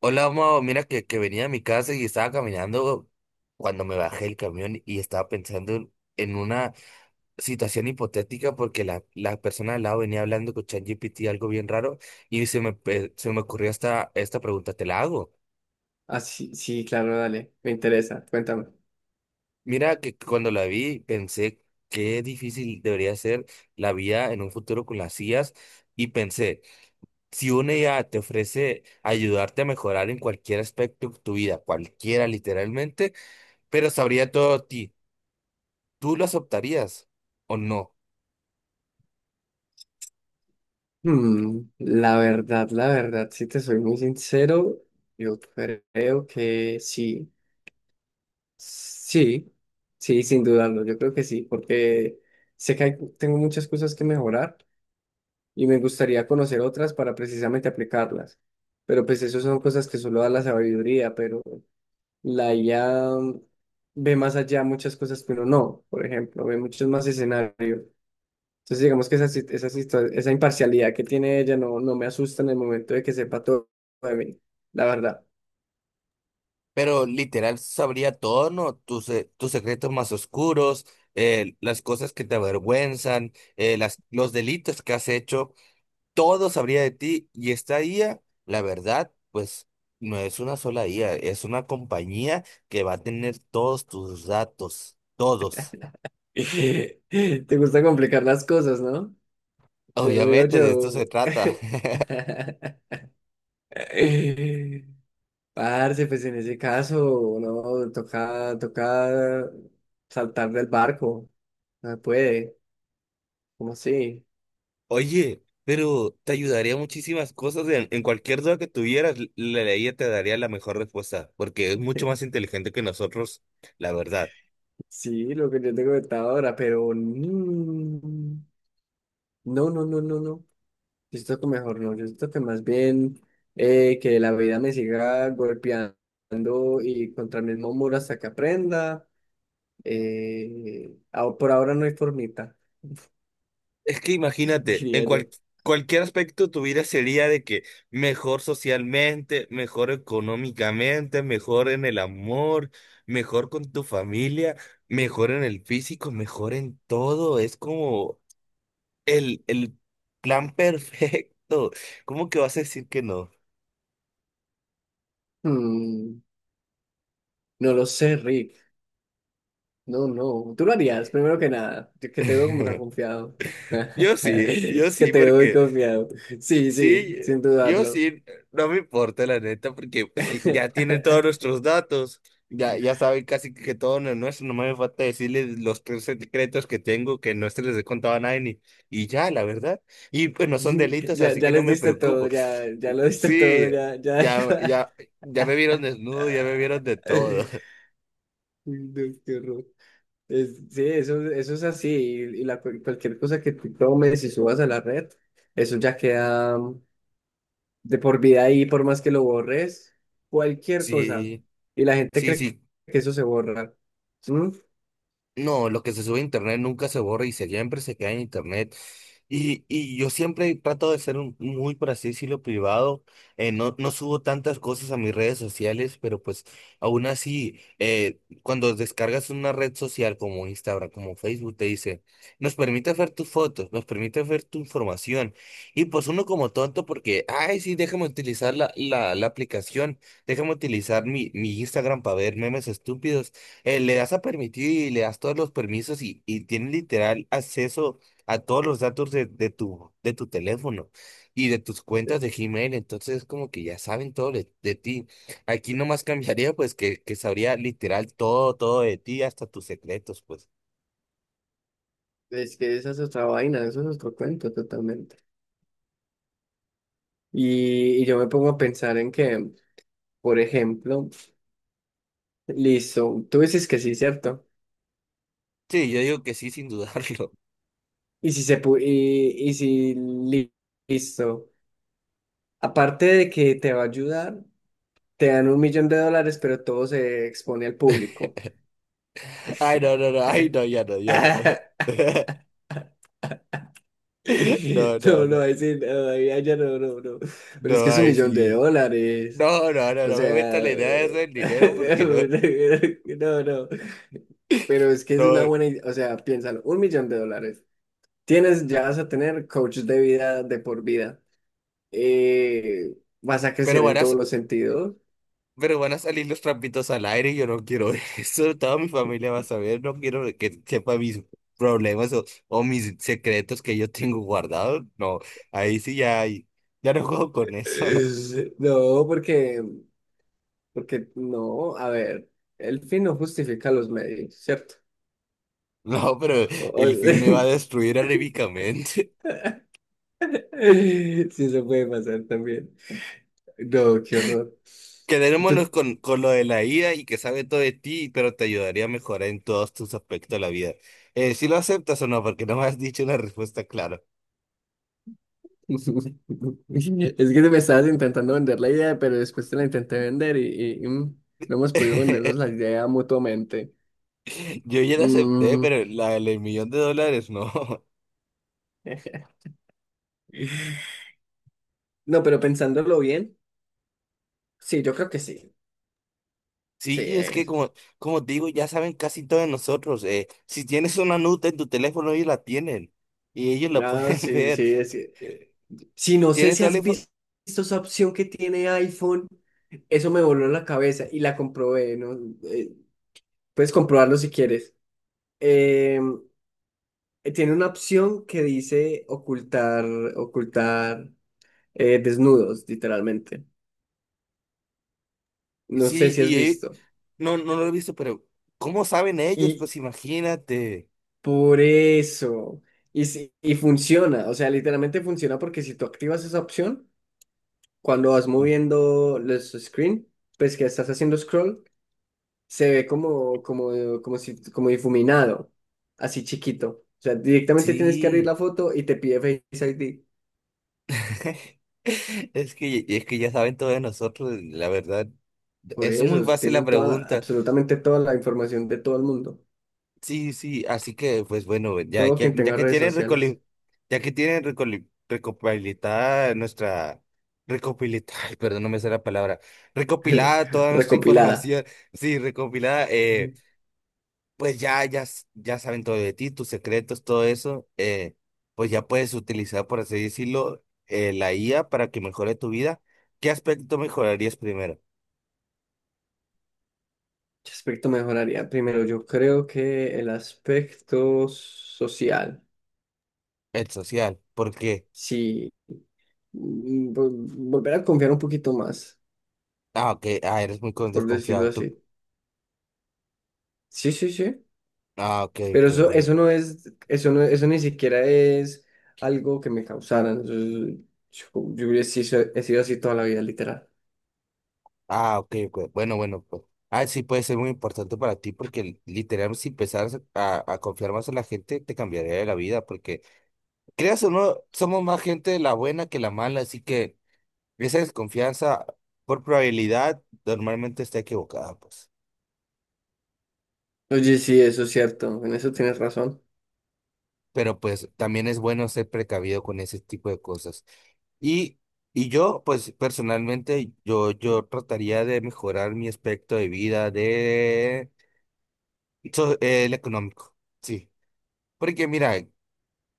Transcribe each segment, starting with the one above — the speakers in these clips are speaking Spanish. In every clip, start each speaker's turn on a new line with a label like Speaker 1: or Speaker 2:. Speaker 1: Hola, Mao. Mira que venía a mi casa y estaba caminando cuando me bajé el camión y estaba pensando en una situación hipotética porque la persona al lado venía hablando con ChatGPT algo bien raro y se me ocurrió esta pregunta, te la hago.
Speaker 2: Ah, sí, sí, claro, dale, me interesa, cuéntame.
Speaker 1: Mira que cuando la vi pensé qué difícil debería ser la vida en un futuro con las IAs y pensé, si una IA te ofrece ayudarte a mejorar en cualquier aspecto de tu vida, cualquiera literalmente, pero sabría todo de ti. ¿Tú lo aceptarías o no?
Speaker 2: La verdad, la verdad, si te soy muy sincero, yo creo que sí, sí, sí, sin dudarlo, yo creo que sí, porque tengo muchas cosas que mejorar y me gustaría conocer otras para precisamente aplicarlas, pero pues eso son cosas que solo da la sabiduría, pero la IA ve más allá muchas cosas que uno no, por ejemplo, ve muchos más escenarios. Entonces, digamos que esa, sit- esa, situa- esa imparcialidad que tiene ella no, no me asusta en el momento de que sepa todo de mí, la verdad.
Speaker 1: Pero literal sabría todo, ¿no? Tus secretos más oscuros, las cosas que te avergüenzan, los delitos que has hecho, todo sabría de ti. Y esta IA, la verdad, pues no es una sola IA, es una compañía que va a tener todos tus datos, todos.
Speaker 2: Te gusta complicar las cosas, ¿no? Ya me veo
Speaker 1: Obviamente de esto
Speaker 2: yo.
Speaker 1: se trata.
Speaker 2: Parce, pues en ese caso, no, toca, toca saltar del barco. No se puede, ¿cómo así?
Speaker 1: Oye, pero te ayudaría muchísimas cosas en cualquier duda que tuvieras, la ley te daría la mejor respuesta, porque es mucho más inteligente que nosotros, la verdad.
Speaker 2: Sí, lo que yo te comentaba ahora, pero no, no, no, no, no. Yo siento que mejor no, yo siento que más bien que la vida me siga golpeando y contra el mismo muro hasta que aprenda. Por ahora no hay formita,
Speaker 1: Es que imagínate, en
Speaker 2: diría yo.
Speaker 1: cual- cualquier aspecto tu vida sería de que mejor socialmente, mejor económicamente, mejor en el amor, mejor con tu familia, mejor en el físico, mejor en todo. Es como el plan perfecto. ¿Cómo que vas a decir que no?
Speaker 2: Mm, no lo sé, Rick. No, no. Tú lo harías, primero que nada. Yo que te veo como tan confiado.
Speaker 1: Yo sí, yo
Speaker 2: Es que
Speaker 1: sí,
Speaker 2: te veo muy
Speaker 1: porque
Speaker 2: confiado. Sí,
Speaker 1: sí,
Speaker 2: sí, sin
Speaker 1: yo
Speaker 2: dudarlo.
Speaker 1: sí, no me importa la neta, porque pues, sí, ya tienen todos nuestros datos, ya, ya saben casi que todo no nuestro, no me falta decirles los tres secretos que tengo que no se les he contado a nadie, y ya, la verdad, y pues no son delitos,
Speaker 2: Ya,
Speaker 1: así
Speaker 2: ya
Speaker 1: que no
Speaker 2: les
Speaker 1: me
Speaker 2: diste todo,
Speaker 1: preocupo.
Speaker 2: ya, ya lo diste todo,
Speaker 1: Sí,
Speaker 2: ya, ya da
Speaker 1: ya,
Speaker 2: igual.
Speaker 1: ya, ya me vieron desnudo, ya me vieron de todo.
Speaker 2: Dios, qué horror. Sí, eso, eso es así. Y la, cualquier cosa que tú tomes y subas a la red, eso ya queda de por vida ahí, por más que lo borres, cualquier cosa.
Speaker 1: Sí,
Speaker 2: Y la gente
Speaker 1: sí,
Speaker 2: cree
Speaker 1: sí.
Speaker 2: que eso se borra. ¿Mm?
Speaker 1: No, lo que se sube a internet nunca se borra y siempre se queda en internet. Y yo siempre trato de ser muy, por así decirlo, privado. No, no subo tantas cosas a mis redes sociales, pero pues aún así, cuando descargas una red social como Instagram, como Facebook, te dice, nos permite ver tus fotos, nos permite ver tu información. Y pues uno como tonto porque, ay, sí, déjame utilizar la aplicación, déjame utilizar mi Instagram para ver memes estúpidos. Le das a permitir y le das todos los permisos y tienes literal acceso a todos los datos de tu teléfono y de tus cuentas de Gmail. Entonces, como que ya saben todo de ti. Aquí nomás cambiaría, pues, que sabría literal todo, todo de ti, hasta tus secretos, pues.
Speaker 2: Es que esa es otra vaina, eso es otro cuento totalmente. Y yo me pongo a pensar en que, por ejemplo, listo, tú dices que sí, ¿cierto?
Speaker 1: Sí, yo digo que sí, sin dudarlo.
Speaker 2: Y si se pu- y si li- Listo. Aparte de que te va a ayudar, te dan 1 millón de dólares, pero todo se expone al público.
Speaker 1: Ay, no, no, no, ay, no, ya no, ya no. No, no,
Speaker 2: No,
Speaker 1: no,
Speaker 2: no, ahí sí, no, ahí ya no, no, no. Pero es
Speaker 1: no,
Speaker 2: que es un
Speaker 1: ay,
Speaker 2: millón de
Speaker 1: sí.
Speaker 2: dólares.
Speaker 1: No, no, no,
Speaker 2: O
Speaker 1: no me meto en
Speaker 2: sea,
Speaker 1: la idea de eso del dinero porque no,
Speaker 2: no, no. Pero es que es una
Speaker 1: no.
Speaker 2: buena idea. O sea, piénsalo, 1 millón de dólares. Tienes, ya vas a tener coach de vida de por vida. eh, Vas a
Speaker 1: Pero
Speaker 2: crecer en
Speaker 1: bueno,
Speaker 2: todos los sentidos.
Speaker 1: pero van a salir los trapitos al aire y yo no quiero eso. Toda mi familia va a saber, no quiero que sepa mis problemas o mis secretos que yo tengo guardados. No, ahí sí ya, ya no juego con eso.
Speaker 2: No, porque, porque no, a ver, el fin no justifica los medios, ¿cierto?
Speaker 1: No, pero
Speaker 2: O-
Speaker 1: el fin me va a
Speaker 2: o-
Speaker 1: destruir anímicamente.
Speaker 2: sí, eso puede pasar también. No, qué horror. Tú-
Speaker 1: Quedémonos con lo de la IA y que sabe todo de ti, pero te ayudaría a mejorar en todos tus aspectos de la vida. Si lo aceptas o no, porque no me has dicho una respuesta clara.
Speaker 2: Es que me estabas intentando vender la idea, pero después te la intenté vender y, no hemos podido vendernos la idea mutuamente.
Speaker 1: Yo ya la acepté,
Speaker 2: Mm.
Speaker 1: pero la del millón de dólares no.
Speaker 2: No, pero pensándolo bien, sí, yo creo que sí. Sí,
Speaker 1: Sí, es que
Speaker 2: es.
Speaker 1: como te digo, ya saben casi todos nosotros. Si tienes una nota en tu teléfono, ellos la tienen y ellos la
Speaker 2: Ah,
Speaker 1: pueden
Speaker 2: sí,
Speaker 1: ver.
Speaker 2: sí,
Speaker 1: eh,
Speaker 2: sí, no sé
Speaker 1: tienen
Speaker 2: si
Speaker 1: toda la.
Speaker 2: has visto esa opción que tiene iPhone. Eso me voló la cabeza y la comprobé, ¿no? Eh, Puedes comprobarlo si quieres. Eh, Tiene una opción que dice ocultar, ocultar desnudos, literalmente.
Speaker 1: Y
Speaker 2: No sé
Speaker 1: sí,
Speaker 2: si has
Speaker 1: y
Speaker 2: visto.
Speaker 1: no, no lo he visto, pero ¿cómo saben ellos?
Speaker 2: Y
Speaker 1: Pues imagínate.
Speaker 2: por eso. Y, si- y funciona, o sea, literalmente funciona porque si tú activas esa opción, cuando vas moviendo los screen, pues que estás haciendo scroll, se ve como, como, como si, como difuminado, así chiquito. O sea, directamente tienes que abrir
Speaker 1: Sí.
Speaker 2: la foto y te pide Face ID.
Speaker 1: Es que ya saben todos nosotros, la verdad.
Speaker 2: Por
Speaker 1: Es
Speaker 2: eso,
Speaker 1: muy fácil la
Speaker 2: tienen
Speaker 1: pregunta.
Speaker 2: absolutamente toda la información de todo el mundo.
Speaker 1: Sí, sí, así que pues bueno, ya
Speaker 2: Todo
Speaker 1: que,
Speaker 2: quien
Speaker 1: ya
Speaker 2: tenga
Speaker 1: que
Speaker 2: redes sociales
Speaker 1: recopilada nuestra recopilada, perdón, no me sale la palabra, recopilada toda nuestra
Speaker 2: recopilada.
Speaker 1: información, sí, recopilada,
Speaker 2: Ujú.
Speaker 1: pues ya saben todo de ti, tus secretos, todo eso, pues ya puedes utilizar, por así decirlo, la IA para que mejore tu vida. ¿Qué aspecto mejorarías primero?
Speaker 2: ¿Qué aspecto mejoraría? Primero, yo creo que el aspecto social.
Speaker 1: El social, porque,
Speaker 2: Sí, volver a confiar un poquito más,
Speaker 1: ah, ok, ah, eres muy
Speaker 2: por decirlo
Speaker 1: desconfiado, tú,
Speaker 2: así. Sí, sí, sí.
Speaker 1: ah, ok,
Speaker 2: Pero
Speaker 1: ok,
Speaker 2: eso,
Speaker 1: bueno.
Speaker 2: eso no es, eso no, eso ni siquiera es algo que me causaran. Eso yo, he sido así toda la vida, literal.
Speaker 1: Ah, ok, ok. Bueno, bueno, pues. Ah, sí, puede ser muy importante para ti porque literalmente si empezaras a confiar más en la gente, te cambiaría la vida porque, creas o no, somos más gente de la buena que la mala, así que esa desconfianza por probabilidad normalmente está equivocada, pues.
Speaker 2: Oye, sí, eso es cierto. En eso tienes razón.
Speaker 1: Pero pues también es bueno ser precavido con ese tipo de cosas. Y, y yo, pues personalmente, yo trataría de mejorar mi aspecto de vida de el económico. Sí. Porque mira,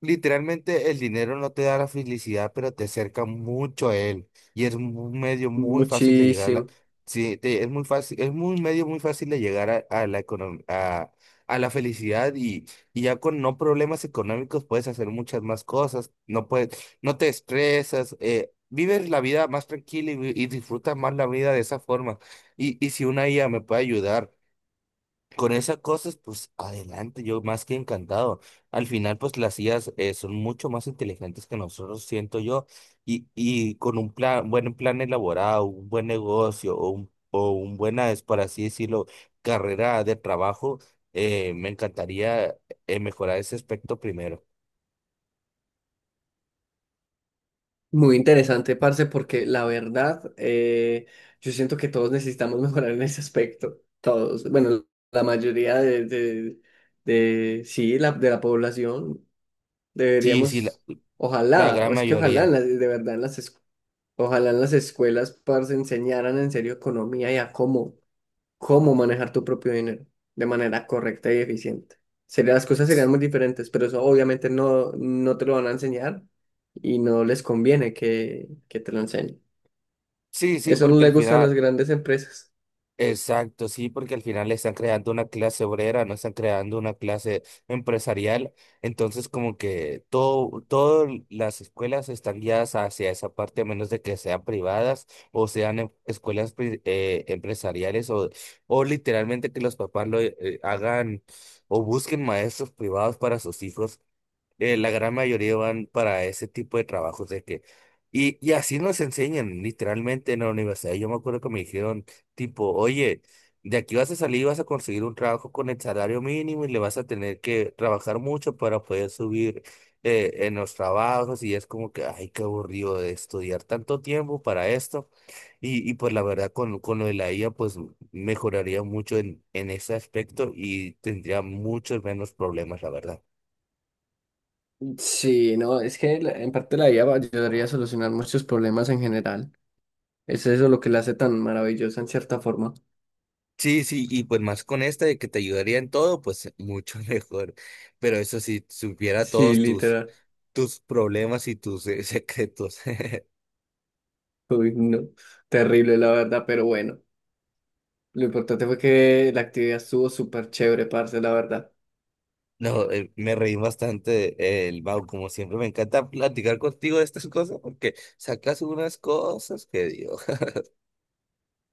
Speaker 1: literalmente el dinero no te da la felicidad, pero te acerca mucho a él. Y es un medio muy fácil de llegar a la...
Speaker 2: Muchísimo.
Speaker 1: Sí, es muy fácil, es un medio muy fácil de llegar a la felicidad y ya con no problemas económicos puedes hacer muchas más cosas, no puedes, no te estresas, vives la vida más tranquila y disfrutas más la vida de esa forma. Y si una IA me puede ayudar con esas cosas, pues adelante, yo más que encantado. Al final, pues las IAs , son mucho más inteligentes que nosotros, siento yo, y con un plan, buen plan elaborado, un buen negocio o un buena, es por así decirlo, carrera de trabajo, me encantaría mejorar ese aspecto primero.
Speaker 2: Muy interesante, parce, porque la verdad, yo siento que todos necesitamos mejorar en ese aspecto. Todos. Bueno, la mayoría sí, la, de la población
Speaker 1: Sí, sí, la,
Speaker 2: deberíamos,
Speaker 1: la
Speaker 2: ojalá,
Speaker 1: gran
Speaker 2: o es que ojalá,
Speaker 1: mayoría.
Speaker 2: de verdad, en las escuelas. Ojalá en las escuelas, parce, enseñaran en serio economía y a cómo, cómo manejar tu propio dinero de manera correcta y eficiente. Sería, las cosas serían muy diferentes, pero eso obviamente no, no te lo van a enseñar y no les conviene que te lo enseñen.
Speaker 1: Sí, sí,
Speaker 2: Eso no
Speaker 1: porque al
Speaker 2: le gusta a
Speaker 1: final.
Speaker 2: las grandes empresas.
Speaker 1: Exacto, sí, porque al final están creando una clase obrera, no están creando una clase empresarial. Entonces, como que todas las escuelas están guiadas hacia esa parte, a menos de que sean privadas o sean escuelas empresariales o literalmente que los papás lo hagan o busquen maestros privados para sus hijos. La gran mayoría van para ese tipo de trabajos de que y así nos enseñan literalmente en la universidad. Yo me acuerdo que me dijeron tipo, oye, de aquí vas a salir vas a conseguir un trabajo con el salario mínimo y le vas a tener que trabajar mucho para poder subir en los trabajos y es como que, ay, qué aburrido de estudiar tanto tiempo para esto. Y pues la verdad con lo de la IA pues mejoraría mucho en ese aspecto y tendría muchos menos problemas, la verdad.
Speaker 2: Sí, no, es que en parte la IA ayudaría a solucionar muchos problemas en general. Es eso lo que la hace tan maravillosa en cierta forma.
Speaker 1: Sí, sí, y pues más con esta de que te ayudaría en todo, pues mucho mejor. Pero eso sí, supiera
Speaker 2: Sí,
Speaker 1: todos tus,
Speaker 2: literal.
Speaker 1: tus problemas y tus secretos.
Speaker 2: Uy, no. Terrible, la verdad, pero bueno. Lo importante fue que la actividad estuvo súper chévere, parce, la verdad.
Speaker 1: No, me reí bastante, el Mau, como siempre, me encanta platicar contigo de estas cosas porque sacas unas cosas que Dios.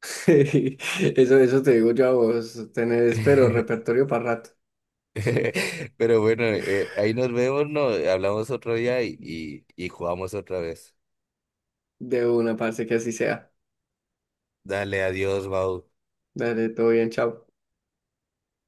Speaker 2: Eso te digo yo a vos, tenés, pero repertorio para rato.
Speaker 1: Pero bueno, ahí nos vemos, ¿no? Hablamos otro día y jugamos otra vez.
Speaker 2: De una, parce, que así sea.
Speaker 1: Dale, adiós, Mau.
Speaker 2: Dale, todo bien, chao.